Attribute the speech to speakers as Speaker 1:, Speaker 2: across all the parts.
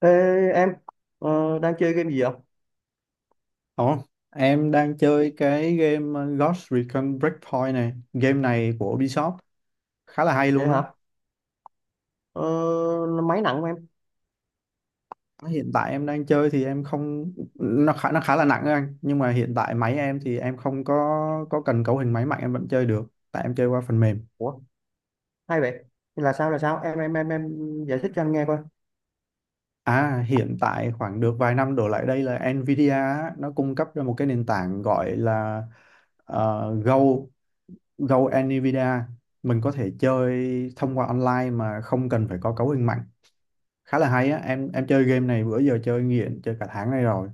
Speaker 1: Ê, em đang chơi game gì vậy?
Speaker 2: Ồ, em đang chơi cái game Ghost Recon Breakpoint này. Game này của Ubisoft khá là hay
Speaker 1: Vậy
Speaker 2: luôn á.
Speaker 1: hả? Ờ, máy nặng của em.
Speaker 2: Hiện tại em đang chơi thì em không nó khá là nặng á anh, nhưng mà hiện tại máy em thì em không có cần cấu hình máy mạnh, em vẫn chơi được, tại em chơi qua phần mềm.
Speaker 1: Ủa, hay vậy. Thì Là sao là sao? Em giải thích cho anh nghe coi.
Speaker 2: À, hiện tại khoảng được vài năm đổ lại đây là Nvidia á, nó cung cấp ra một cái nền tảng gọi là Go Go Nvidia. Mình có thể chơi thông qua online mà không cần phải có cấu hình mạnh, khá là hay á. Em chơi game này bữa giờ, chơi nghiện, chơi cả tháng nay rồi,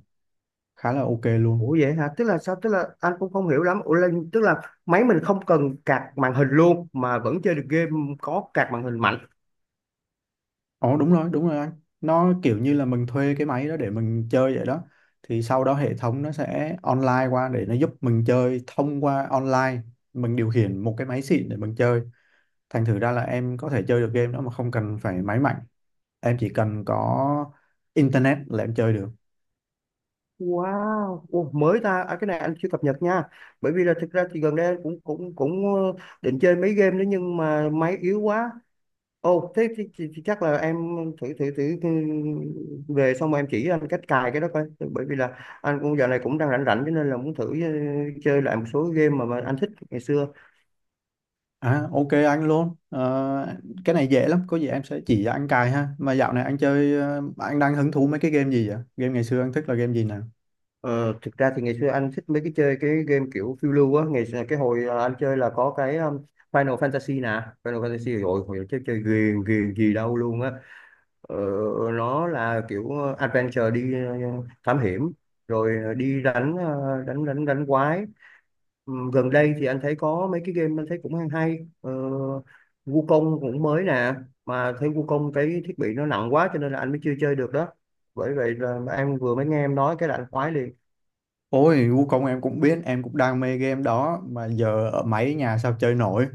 Speaker 2: khá là ok luôn.
Speaker 1: Ủa vậy hả? Tức là sao? Tức là anh cũng không hiểu lắm. Ủa là, tức là máy mình không cần card màn hình luôn mà vẫn chơi được game có card màn hình mạnh.
Speaker 2: Ồ, đúng rồi, đúng rồi anh, nó kiểu như là mình thuê cái máy đó để mình chơi vậy đó. Thì sau đó hệ thống nó sẽ online qua để nó giúp mình chơi thông qua online, mình điều khiển một cái máy xịn để mình chơi. Thành thử ra là em có thể chơi được game đó mà không cần phải máy mạnh, em chỉ cần có internet là em chơi được.
Speaker 1: Wow, ủa, mới ta. À, cái này anh chưa cập nhật nha. Bởi vì là thực ra thì gần đây anh cũng cũng cũng ờ, định chơi mấy game đó nhưng mà máy yếu quá. Ồ, thế, thì chắc là em thử thử thử ừ, về xong rồi em chỉ anh cách cài cái đó coi. Bởi vì là anh cũng giờ này cũng đang rảnh rảnh cho nên là muốn thử chơi lại một số game mà anh thích ngày xưa.
Speaker 2: À, ok anh luôn. Ờ, Cái này dễ lắm, có gì em sẽ chỉ cho anh cài ha. Mà dạo này anh chơi anh đang hứng thú mấy cái game gì vậy? Game ngày xưa anh thích là game gì nào?
Speaker 1: Ờ, thực ra thì ngày xưa anh thích mấy cái chơi cái game kiểu phiêu lưu á. Ngày xưa, cái hồi anh chơi là có cái Final Fantasy nè. Final Fantasy rồi hồi chơi chơi ghiền ghiền gì đâu luôn á. Ờ, nó là kiểu adventure đi thám hiểm rồi đi đánh đánh quái. Ừ, gần đây thì anh thấy có mấy cái game anh thấy cũng hay hay ờ, Wukong cũng mới nè mà thấy Wukong cái thiết bị nó nặng quá cho nên là anh mới chưa chơi được đó, bởi vậy là em vừa mới nghe em nói cái là anh khoái liền.
Speaker 2: Ôi, Wukong em cũng biết, em cũng đam mê game đó, mà giờ ở máy nhà sao chơi nổi.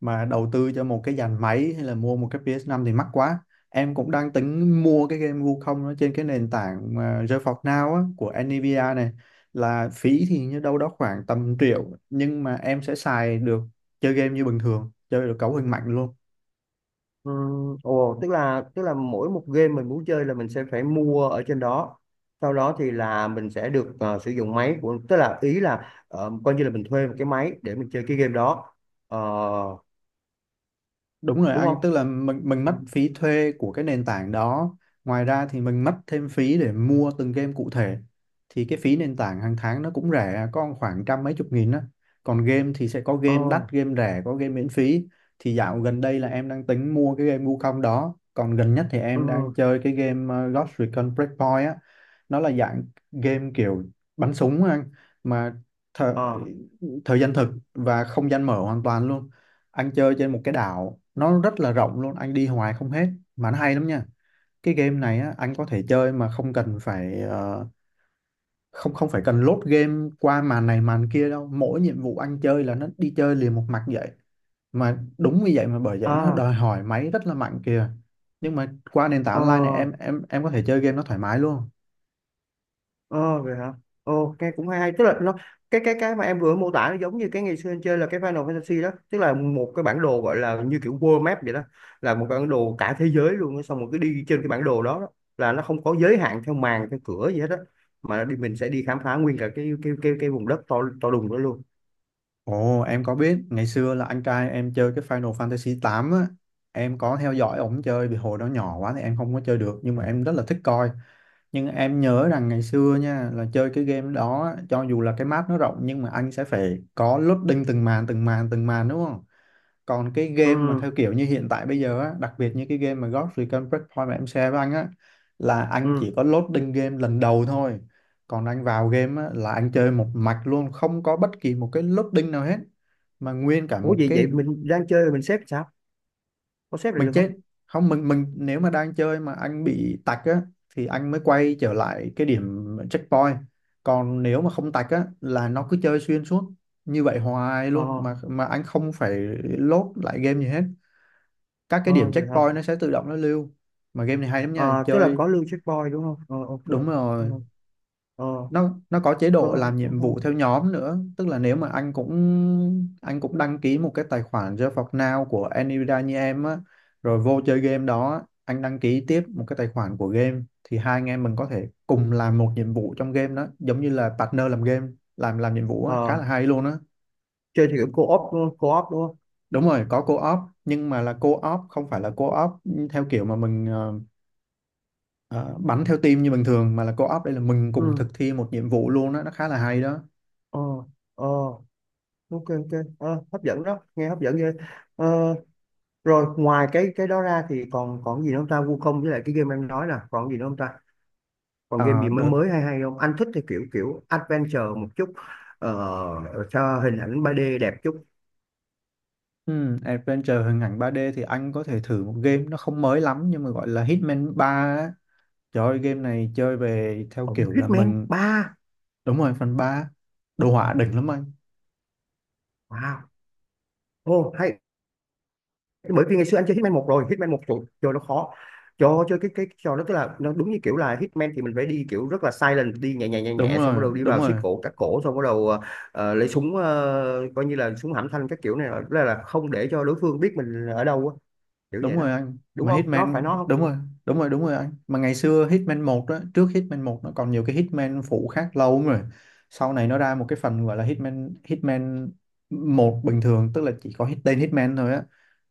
Speaker 2: Mà đầu tư cho một cái dàn máy hay là mua một cái ps năm thì mắc quá. Em cũng đang tính mua cái game Wukong nó trên cái nền tảng mà GeForce Now á, của Nvidia này, là phí thì như đâu đó khoảng tầm triệu, nhưng mà em sẽ xài được, chơi game như bình thường, chơi được cấu hình mạnh luôn.
Speaker 1: Ừ, ồ tức là mỗi một game mình muốn chơi là mình sẽ phải mua ở trên đó, sau đó thì là mình sẽ được sử dụng máy của tức là ý là coi như là mình thuê một cái máy để mình chơi cái game đó. Ờ,
Speaker 2: Đúng rồi
Speaker 1: đúng
Speaker 2: anh,
Speaker 1: không?
Speaker 2: tức là mình
Speaker 1: Ừ.
Speaker 2: mất phí thuê của cái nền tảng đó. Ngoài ra thì mình mất thêm phí để mua từng game cụ thể. Thì cái phí nền tảng hàng tháng nó cũng rẻ, có khoảng trăm mấy chục nghìn á. Còn game thì sẽ có
Speaker 1: Ờ,
Speaker 2: game đắt, game rẻ, có game miễn phí. Thì dạo gần đây là em đang tính mua cái game Wukong đó. Còn gần nhất thì
Speaker 1: ừ,
Speaker 2: em đang chơi cái game Ghost Recon Breakpoint á. Nó là dạng game kiểu bắn súng á anh, mà thời,
Speaker 1: ờ,
Speaker 2: thời gian thực và không gian mở hoàn toàn luôn. Anh chơi trên một cái đảo nó rất là rộng luôn, anh đi hoài không hết, mà nó hay lắm nha. Cái game này á, anh có thể chơi mà không cần phải không không phải cần load game qua màn này màn kia đâu, mỗi nhiệm vụ anh chơi là nó đi chơi liền một mạch vậy, mà đúng như vậy, mà bởi vậy
Speaker 1: à,
Speaker 2: nó
Speaker 1: à,
Speaker 2: đòi hỏi máy rất là mạnh kìa. Nhưng mà qua nền tảng
Speaker 1: ờ,
Speaker 2: online này em có thể chơi game nó thoải mái luôn.
Speaker 1: Ờ vậy hả? Ồ, nghe cũng hay hay. Tức là nó cái mà em vừa mô tả nó giống như cái ngày xưa anh chơi là cái Final Fantasy đó, tức là một cái bản đồ gọi là như kiểu world map vậy đó, là một bản đồ cả thế giới luôn, á. Xong rồi cứ đi trên cái bản đồ đó, đó là nó không có giới hạn theo màn theo cửa gì hết đó, mà đi mình sẽ đi khám phá nguyên cả cái vùng đất to to đùng đó luôn.
Speaker 2: Ồ, em có biết ngày xưa là anh trai em chơi cái Final Fantasy 8 á, em có theo dõi ổng chơi vì hồi đó nhỏ quá thì em không có chơi được, nhưng mà em rất là thích coi. Nhưng em nhớ rằng ngày xưa nha, là chơi cái game đó á, cho dù là cái map nó rộng nhưng mà anh sẽ phải có loading từng màn từng màn từng màn, đúng không? Còn cái
Speaker 1: Ừ,
Speaker 2: game mà theo kiểu như hiện tại bây giờ á, đặc biệt như cái game mà Ghost Recon Breakpoint mà em share với anh á, là anh
Speaker 1: ừ.
Speaker 2: chỉ có loading game lần đầu thôi. Còn anh vào game á là anh chơi một mạch luôn, không có bất kỳ một cái loading nào hết, mà nguyên cả
Speaker 1: Ủa
Speaker 2: một
Speaker 1: vậy vậy
Speaker 2: cái
Speaker 1: mình đang chơi rồi mình xếp sao? Có xếp
Speaker 2: mình
Speaker 1: được
Speaker 2: chết
Speaker 1: không?
Speaker 2: không. Mình nếu mà đang chơi mà anh bị tạch á thì anh mới quay trở lại cái điểm checkpoint. Còn nếu mà không tạch á là nó cứ chơi xuyên suốt như vậy hoài
Speaker 1: Ờ,
Speaker 2: luôn, mà anh không phải load lại game gì hết, các cái
Speaker 1: ờ
Speaker 2: điểm
Speaker 1: vậy hả?
Speaker 2: checkpoint nó sẽ tự động nó lưu. Mà game này hay lắm nha,
Speaker 1: Ờ, tức là có
Speaker 2: chơi
Speaker 1: lưu checkpoint đúng không? Ờ ok.
Speaker 2: đúng rồi.
Speaker 1: Ờ, ờ,
Speaker 2: Nó có chế
Speaker 1: Ờ,
Speaker 2: độ làm
Speaker 1: cũng
Speaker 2: nhiệm
Speaker 1: hay.
Speaker 2: vụ theo nhóm nữa, tức là nếu mà anh cũng đăng ký một cái tài khoản Just For Now của Nvidia như em á, rồi vô chơi game đó á, anh đăng ký tiếp một cái tài khoản của game, thì hai anh em mình có thể cùng làm một nhiệm vụ trong game đó, giống như là partner làm game, làm nhiệm vụ á, khá
Speaker 1: Ờ,
Speaker 2: là hay luôn á.
Speaker 1: chơi thì kiểu co-op đúng không? Co-op đúng không?
Speaker 2: Đúng rồi, có co-op, nhưng mà là co-op không phải là co-op theo kiểu mà mình ờ, bắn theo team như bình thường, mà là co-op đây là mình cùng
Speaker 1: ừ
Speaker 2: thực thi một nhiệm vụ luôn á, nó khá là hay đó.
Speaker 1: ờ ờ ok ok. Ờ, hấp dẫn đó, nghe hấp dẫn ghê. Ờ, rồi ngoài cái đó ra thì còn còn gì nữa không ta? Wukong với lại cái game em nói là còn gì nữa không ta? Còn game
Speaker 2: Ờ,
Speaker 1: gì mới
Speaker 2: đợt
Speaker 1: mới hay hay không? Anh thích thì kiểu kiểu adventure một chút, ờ, cho hình ảnh 3D đẹp chút.
Speaker 2: Ừ, Adventure hình ảnh 3D thì anh có thể thử một game nó không mới lắm, nhưng mà gọi là Hitman 3 á. Trời ơi, game này chơi về theo
Speaker 1: Ồ,
Speaker 2: kiểu là
Speaker 1: Hitman
Speaker 2: mình.
Speaker 1: 3,
Speaker 2: Đúng rồi, phần ba, đồ họa đỉnh lắm anh.
Speaker 1: wow, ô hay. Bởi vì ngày xưa anh chơi Hitman một rồi Hitman một trời, trời nó khó cho chơi cái trò đó, tức là nó đúng như kiểu là Hitman thì mình phải đi kiểu rất là silent, đi nhẹ nhẹ nhẹ
Speaker 2: Đúng
Speaker 1: nhẹ xong bắt
Speaker 2: rồi,
Speaker 1: đầu đi
Speaker 2: đúng
Speaker 1: vào siết
Speaker 2: rồi,
Speaker 1: cổ cắt cổ xong bắt đầu lấy súng coi như là súng hãm thanh các kiểu này, là không để cho đối phương biết mình ở đâu á, kiểu
Speaker 2: đúng
Speaker 1: vậy đó
Speaker 2: rồi anh,
Speaker 1: đúng
Speaker 2: mà
Speaker 1: không? Nó
Speaker 2: Hitman
Speaker 1: phải nó không?
Speaker 2: đúng rồi. Đúng rồi, đúng rồi anh, mà ngày xưa Hitman một đó, trước Hitman một nó còn nhiều cái Hitman phụ khác lâu lắm rồi. Sau này nó ra một cái phần gọi là Hitman Hitman một bình thường, tức là chỉ có tên Hitman thôi á,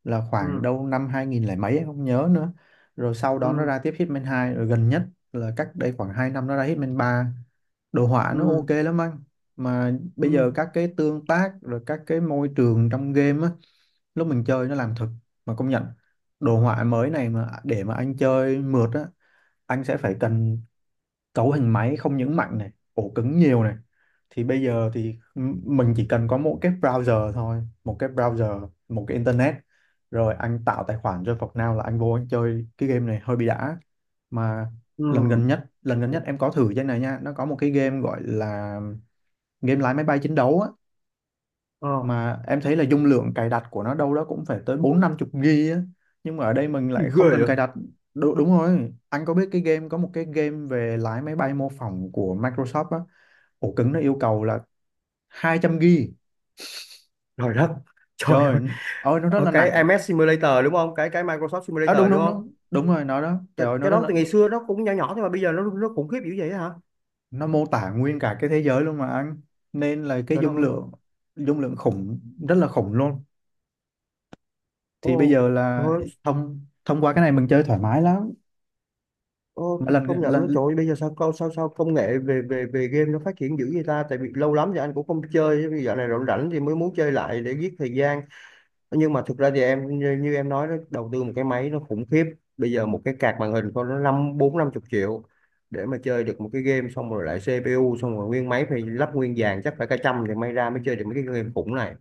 Speaker 2: là khoảng
Speaker 1: ừ
Speaker 2: đâu năm 2000 lẻ mấy em không nhớ nữa. Rồi sau đó nó
Speaker 1: ừ
Speaker 2: ra tiếp Hitman hai, rồi gần nhất là cách đây khoảng 2 năm nó ra Hitman ba, đồ họa
Speaker 1: ừ
Speaker 2: nó ok lắm anh. Mà bây
Speaker 1: ừ
Speaker 2: giờ các cái tương tác rồi các cái môi trường trong game á, lúc mình chơi nó làm thật, mà công nhận đồ họa mới này mà để mà anh chơi mượt á, anh sẽ phải cần cấu hình máy không những mạnh này, ổ cứng nhiều này. Thì bây giờ thì mình chỉ cần có một cái browser thôi, một cái browser, một cái internet, rồi anh tạo tài khoản cho Now là anh vô anh chơi cái game này hơi bị đã. Mà
Speaker 1: ừ
Speaker 2: lần gần nhất, lần gần nhất em có thử trên này nha, nó có một cái game gọi là game lái máy bay chiến đấu á,
Speaker 1: ờ
Speaker 2: mà em thấy là dung lượng cài đặt của nó đâu đó cũng phải tới bốn năm chục gi á, nhưng mà ở đây mình
Speaker 1: Gì
Speaker 2: lại
Speaker 1: ghê
Speaker 2: không cần cài
Speaker 1: vậy?
Speaker 2: đặt. Đúng, đúng rồi anh, có biết cái game, có một cái game về lái máy bay mô phỏng của Microsoft á, ổ cứng nó yêu cầu là 200 gi,
Speaker 1: Trời đất, trời
Speaker 2: trời ơi,
Speaker 1: ơi
Speaker 2: ôi, nó rất
Speaker 1: ở
Speaker 2: là
Speaker 1: cái
Speaker 2: nặng.
Speaker 1: MS Simulator đúng không, cái cái Microsoft
Speaker 2: À,
Speaker 1: Simulator
Speaker 2: đúng
Speaker 1: đúng
Speaker 2: đúng
Speaker 1: không?
Speaker 2: đúng, đúng rồi nó đó,
Speaker 1: Cái,
Speaker 2: trời ơi, nó
Speaker 1: cái
Speaker 2: rất
Speaker 1: đó
Speaker 2: là,
Speaker 1: từ ngày xưa nó cũng nhỏ nhỏ thôi mà bây giờ nó khủng khiếp dữ vậy hả?
Speaker 2: nó mô tả nguyên cả cái thế giới luôn mà anh, nên là cái
Speaker 1: Trời đất
Speaker 2: dung
Speaker 1: ơi.
Speaker 2: lượng dung lượng khủng, rất là khủng luôn. Thì bây
Speaker 1: Ô,
Speaker 2: giờ
Speaker 1: trời
Speaker 2: là
Speaker 1: ơi.
Speaker 2: thông thông qua cái này mình chơi thoải mái lắm.
Speaker 1: Ô,
Speaker 2: Mà
Speaker 1: thì
Speaker 2: lần
Speaker 1: công nhận đó trời
Speaker 2: lần
Speaker 1: ơi, bây giờ sao co- sao sao công nghệ về về về game nó phát triển dữ vậy ta, tại vì lâu lắm thì anh cũng không chơi, bây giờ này rảnh rảnh thì mới muốn chơi lại để giết thời gian. Nhưng mà thực ra thì em như em nói đó, đầu tư một cái máy nó khủng khiếp. Bây giờ một cái card màn hình con nó năm bốn năm chục triệu để mà chơi được một cái game, xong rồi lại CPU, xong rồi nguyên máy phải lắp nguyên dàn chắc phải cả trăm thì may ra mới chơi được mấy cái game khủng này.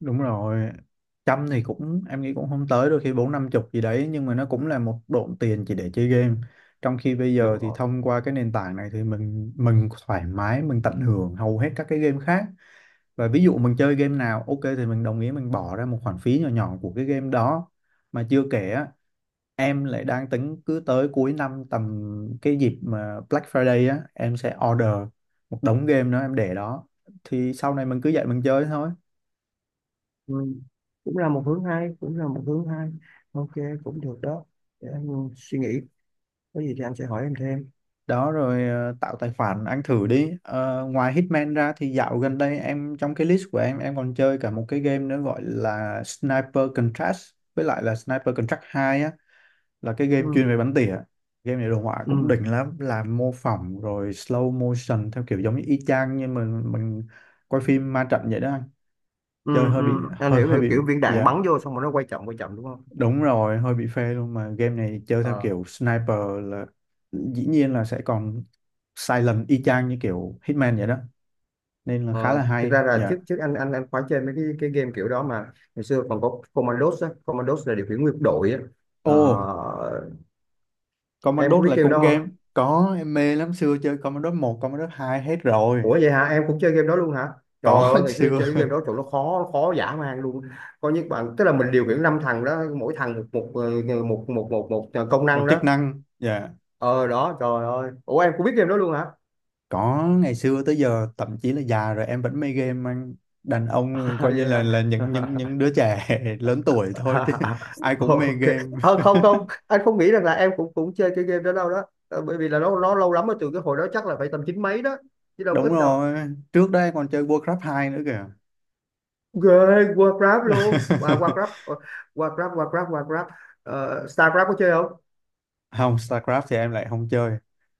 Speaker 2: Đúng rồi. Trăm thì cũng, em nghĩ cũng không tới, đôi khi bốn năm chục gì đấy, nhưng mà nó cũng là một độn tiền chỉ để chơi game. Trong khi bây giờ thì
Speaker 1: Đúng.
Speaker 2: thông qua cái nền tảng này thì mình thoải mái mình tận hưởng hầu hết các cái game khác. Và ví dụ mình chơi game nào ok thì mình đồng ý mình bỏ ra một khoản phí nhỏ nhỏ của cái game đó. Mà chưa kể á, em lại đang tính cứ tới cuối năm tầm cái dịp mà Black Friday á em sẽ order một đống game đó em để đó, thì sau này mình cứ dậy mình chơi thôi.
Speaker 1: Ừ. Cũng là một hướng hay, cũng là một hướng hay. Ok, cũng được đó. Để anh suy nghĩ. Có gì thì anh sẽ hỏi em thêm.
Speaker 2: Đó rồi, tạo tài khoản anh thử đi. Ờ, Ngoài Hitman ra thì dạo gần đây em, trong cái list của em còn chơi cả một cái game nữa gọi là Sniper Contract, với lại là Sniper Contract 2 á, là cái game
Speaker 1: Ừ.
Speaker 2: chuyên về bắn tỉa. Game này đồ họa cũng
Speaker 1: Ừ.
Speaker 2: đỉnh lắm, là mô phỏng rồi slow motion theo kiểu giống như y chang như mình quay phim ma trận vậy đó anh,
Speaker 1: Ừ.
Speaker 2: chơi hơi
Speaker 1: Ừ.
Speaker 2: bị
Speaker 1: Anh
Speaker 2: hơi
Speaker 1: hiểu,
Speaker 2: hơi
Speaker 1: hiểu
Speaker 2: bị
Speaker 1: kiểu viên đạn
Speaker 2: Dạ.
Speaker 1: bắn vô xong rồi nó quay chậm đúng không?
Speaker 2: Đúng rồi, hơi bị phê luôn, mà game này chơi theo
Speaker 1: Ờ.
Speaker 2: kiểu sniper là dĩ nhiên là sẽ còn silent y chang như kiểu Hitman vậy đó, nên là khá là
Speaker 1: Ờ, thực
Speaker 2: hay.
Speaker 1: ra là
Speaker 2: Dạ.
Speaker 1: trước trước anh khoái chơi mấy cái game kiểu đó mà ngày xưa còn có Commandos á, Commandos là điều khiển nguyên đội á.
Speaker 2: Ồ,
Speaker 1: Ờ, em có
Speaker 2: Commandos
Speaker 1: biết
Speaker 2: là
Speaker 1: kêu
Speaker 2: cũng
Speaker 1: đó
Speaker 2: game,
Speaker 1: không?
Speaker 2: có, em mê lắm, xưa chơi Commandos 1, Commandos hai hết
Speaker 1: Ủa
Speaker 2: rồi.
Speaker 1: vậy hả? Em cũng chơi game đó luôn hả? Trời
Speaker 2: Có
Speaker 1: ơi, ngày xưa
Speaker 2: xưa
Speaker 1: chơi cái game đó trời nó khó khó dã man luôn. Có những bạn tức là mình điều khiển năm thằng đó, mỗi thằng một một ờ, một một một, một, ờ, công
Speaker 2: một
Speaker 1: năng đó.
Speaker 2: chức năng dạ.
Speaker 1: Ờ đó, trời ơi. Ủa em cũng biết game đó luôn hả?
Speaker 2: Có, ngày xưa tới giờ thậm chí là già rồi em vẫn mê game anh. Đàn ông coi như
Speaker 1: vậy
Speaker 2: là
Speaker 1: hả?
Speaker 2: những đứa trẻ lớn tuổi thôi chứ, ai cũng mê
Speaker 1: Ok.
Speaker 2: game.
Speaker 1: Ờ, không không, anh không nghĩ rằng là em cũng cũng chơi cái game đó đâu đó. Ờ, bởi vì là nó lâu lắm rồi, từ cái hồi đó chắc là phải tầm chín mấy đó, chứ đâu có
Speaker 2: Đúng
Speaker 1: ít đâu.
Speaker 2: rồi, trước đây còn chơi Warcraft hai nữa kìa.
Speaker 1: Ghê, Warcraft luôn. À, Warcraft, Warcraft. Ờ, StarCraft có chơi không?
Speaker 2: Không, StarCraft thì em lại không chơi.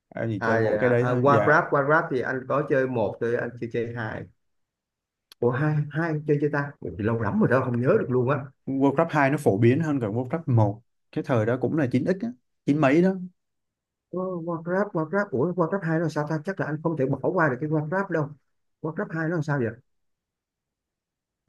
Speaker 2: Em chỉ chơi
Speaker 1: À,
Speaker 2: mỗi
Speaker 1: vậy
Speaker 2: cái
Speaker 1: hả?
Speaker 2: đấy
Speaker 1: À,
Speaker 2: thôi. Dạ,
Speaker 1: Qua Grab thì anh có chơi một, chơi anh chưa chơi hai. Ủa hai hai anh chơi chơi ta? Ủa, thì lâu lắm rồi đó không nhớ được luôn á.
Speaker 2: Warcraft hai nó phổ biến hơn cả Warcraft một. Cái thời đó cũng là chín x á, chín mấy đó.
Speaker 1: Ờ, qua Grab ủa qua Grab hai nó sao ta? Chắc là anh không thể bỏ qua được cái qua Grab đâu. Qua Grab hai nó làm sao vậy?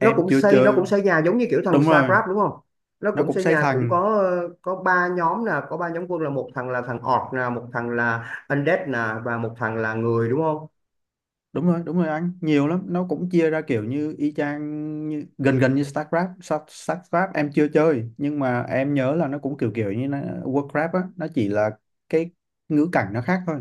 Speaker 1: Nó cũng
Speaker 2: chưa
Speaker 1: xây nó
Speaker 2: chơi.
Speaker 1: cũng xây nhà giống như kiểu thằng
Speaker 2: Đúng
Speaker 1: Star
Speaker 2: rồi,
Speaker 1: Grab đúng không? Nó
Speaker 2: nó
Speaker 1: cũng
Speaker 2: cũng
Speaker 1: xây
Speaker 2: xây
Speaker 1: nhà cũng
Speaker 2: thành.
Speaker 1: có có ba nhóm nè, có ba nhóm quân là một thằng là thằng orc nè, một thằng là undead nè, và một thằng là người đúng không?
Speaker 2: Đúng rồi anh, nhiều lắm. Nó cũng chia ra kiểu như y chang như, gần gần như StarCraft. StarCraft em chưa chơi, nhưng mà em nhớ là nó cũng kiểu kiểu như nó, Warcraft á, nó chỉ là cái ngữ cảnh nó khác thôi.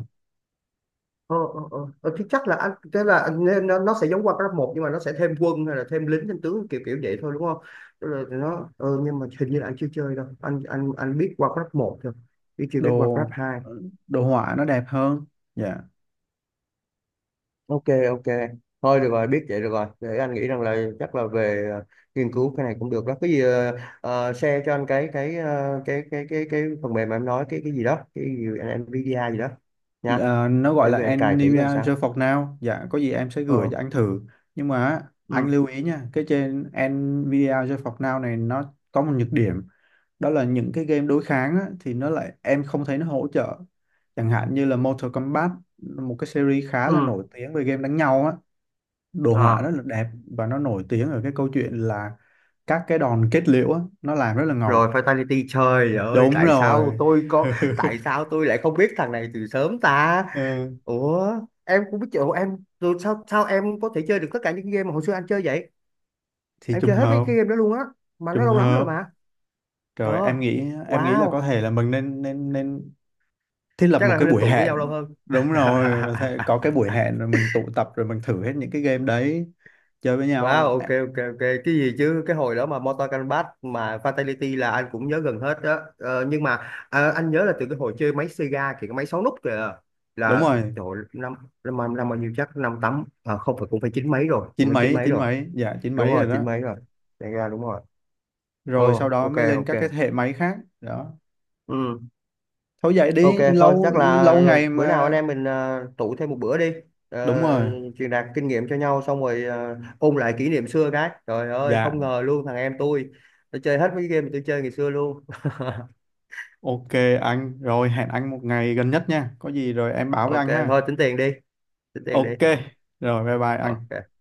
Speaker 1: Ờ, thì chắc là anh thế là anh nên nó sẽ giống qua cấp một nhưng mà nó sẽ thêm quân hay là thêm lính thêm tướng kiểu kiểu vậy thôi đúng không? Tức là nó nhưng mà hình như là anh chưa chơi đâu, anh biết qua cấp một thôi chứ chưa biết qua cấp
Speaker 2: đồ
Speaker 1: hai.
Speaker 2: đồ họa nó đẹp hơn. Dạ.
Speaker 1: Ok ok, thôi được rồi biết vậy được rồi, để anh nghĩ rằng là chắc là về nghiên cứu cái này cũng được đó, cái gì share cho anh cái ờ, cái phần mềm mà em nói cái gì đó, cái gì NVIDIA gì đó nha,
Speaker 2: Ờ, nó gọi
Speaker 1: để về
Speaker 2: là
Speaker 1: anh cài thử coi
Speaker 2: Nivea Gel
Speaker 1: sao.
Speaker 2: For Now. Dạ, có gì em sẽ gửi
Speaker 1: ờ
Speaker 2: cho anh thử. Nhưng mà á, anh
Speaker 1: ừ
Speaker 2: lưu ý nha, cái trên Nvidia Gel For Now này nó có một nhược điểm, đó là những cái game đối kháng á, thì nó lại em không thấy nó hỗ trợ, chẳng hạn như là Mortal Kombat, một cái series khá là
Speaker 1: ừ
Speaker 2: nổi tiếng về game đánh nhau á, đồ họa rất
Speaker 1: à
Speaker 2: là đẹp, và nó nổi tiếng ở cái câu chuyện là các cái đòn kết liễu á, nó làm rất là
Speaker 1: Rồi
Speaker 2: ngầu.
Speaker 1: fatality trời ơi
Speaker 2: Đúng
Speaker 1: tại
Speaker 2: rồi.
Speaker 1: sao tôi có, tại sao tôi lại không biết thằng này từ sớm ta?
Speaker 2: Ừ,
Speaker 1: Ủa em cũng biết chỗ em rồi sao sao em có thể chơi được tất cả những game mà hồi xưa anh chơi vậy?
Speaker 2: thì
Speaker 1: Em
Speaker 2: trùng
Speaker 1: chơi hết mấy
Speaker 2: hợp,
Speaker 1: cái game đó luôn á, mà nó
Speaker 2: trùng
Speaker 1: lâu lắm rồi
Speaker 2: hợp
Speaker 1: mà.
Speaker 2: rồi, em
Speaker 1: ờ
Speaker 2: nghĩ em nghĩ là có
Speaker 1: wow
Speaker 2: thể là mình nên nên nên thiết lập
Speaker 1: Chắc
Speaker 2: một
Speaker 1: là
Speaker 2: cái
Speaker 1: nên
Speaker 2: buổi
Speaker 1: tụ với nhau lâu
Speaker 2: hẹn.
Speaker 1: hơn.
Speaker 2: Đúng rồi, và có cái buổi hẹn rồi mình tụ tập rồi mình thử hết những cái game đấy, chơi với
Speaker 1: Wow,
Speaker 2: nhau.
Speaker 1: ok
Speaker 2: À,
Speaker 1: ok ok, cái gì chứ cái hồi đó mà Mortal Kombat mà Fatality là anh cũng nhớ gần hết đó. Ờ, nhưng mà anh nhớ là từ cái hồi chơi máy Sega kìa, cái máy 6 nút kìa,
Speaker 2: đúng
Speaker 1: là
Speaker 2: rồi,
Speaker 1: trời ơi, năm năm năm năm bao nhiêu, chắc năm tám à, không phải, cũng phải chín mấy rồi, cũng
Speaker 2: chín
Speaker 1: phải chín
Speaker 2: mấy,
Speaker 1: mấy
Speaker 2: chín
Speaker 1: rồi.
Speaker 2: mấy, dạ, chín
Speaker 1: Đúng
Speaker 2: mấy
Speaker 1: rồi
Speaker 2: rồi
Speaker 1: chín
Speaker 2: đó.
Speaker 1: mấy rồi. Sega đúng rồi.
Speaker 2: Rồi sau
Speaker 1: Ồ
Speaker 2: đó
Speaker 1: ok
Speaker 2: mới lên
Speaker 1: ok.
Speaker 2: các cái thế hệ máy khác đó.
Speaker 1: Ừ.
Speaker 2: Thôi vậy
Speaker 1: Ok
Speaker 2: đi,
Speaker 1: thôi
Speaker 2: lâu
Speaker 1: chắc là
Speaker 2: lâu ngày
Speaker 1: bữa nào
Speaker 2: mà.
Speaker 1: anh em mình tụ thêm một bữa đi. Ờ,
Speaker 2: Đúng rồi.
Speaker 1: truyền đạt kinh nghiệm cho nhau xong rồi ôn lại kỷ niệm xưa, cái trời ơi
Speaker 2: Dạ,
Speaker 1: không ngờ luôn thằng em tôi nó chơi hết mấy cái game mà tôi chơi ngày xưa luôn.
Speaker 2: ok anh. Rồi hẹn anh một ngày gần nhất nha, có gì rồi em báo với
Speaker 1: Ok
Speaker 2: anh ha.
Speaker 1: thôi tính tiền đi, tính tiền đi.
Speaker 2: Ok. Rồi bye bye anh.
Speaker 1: Ok.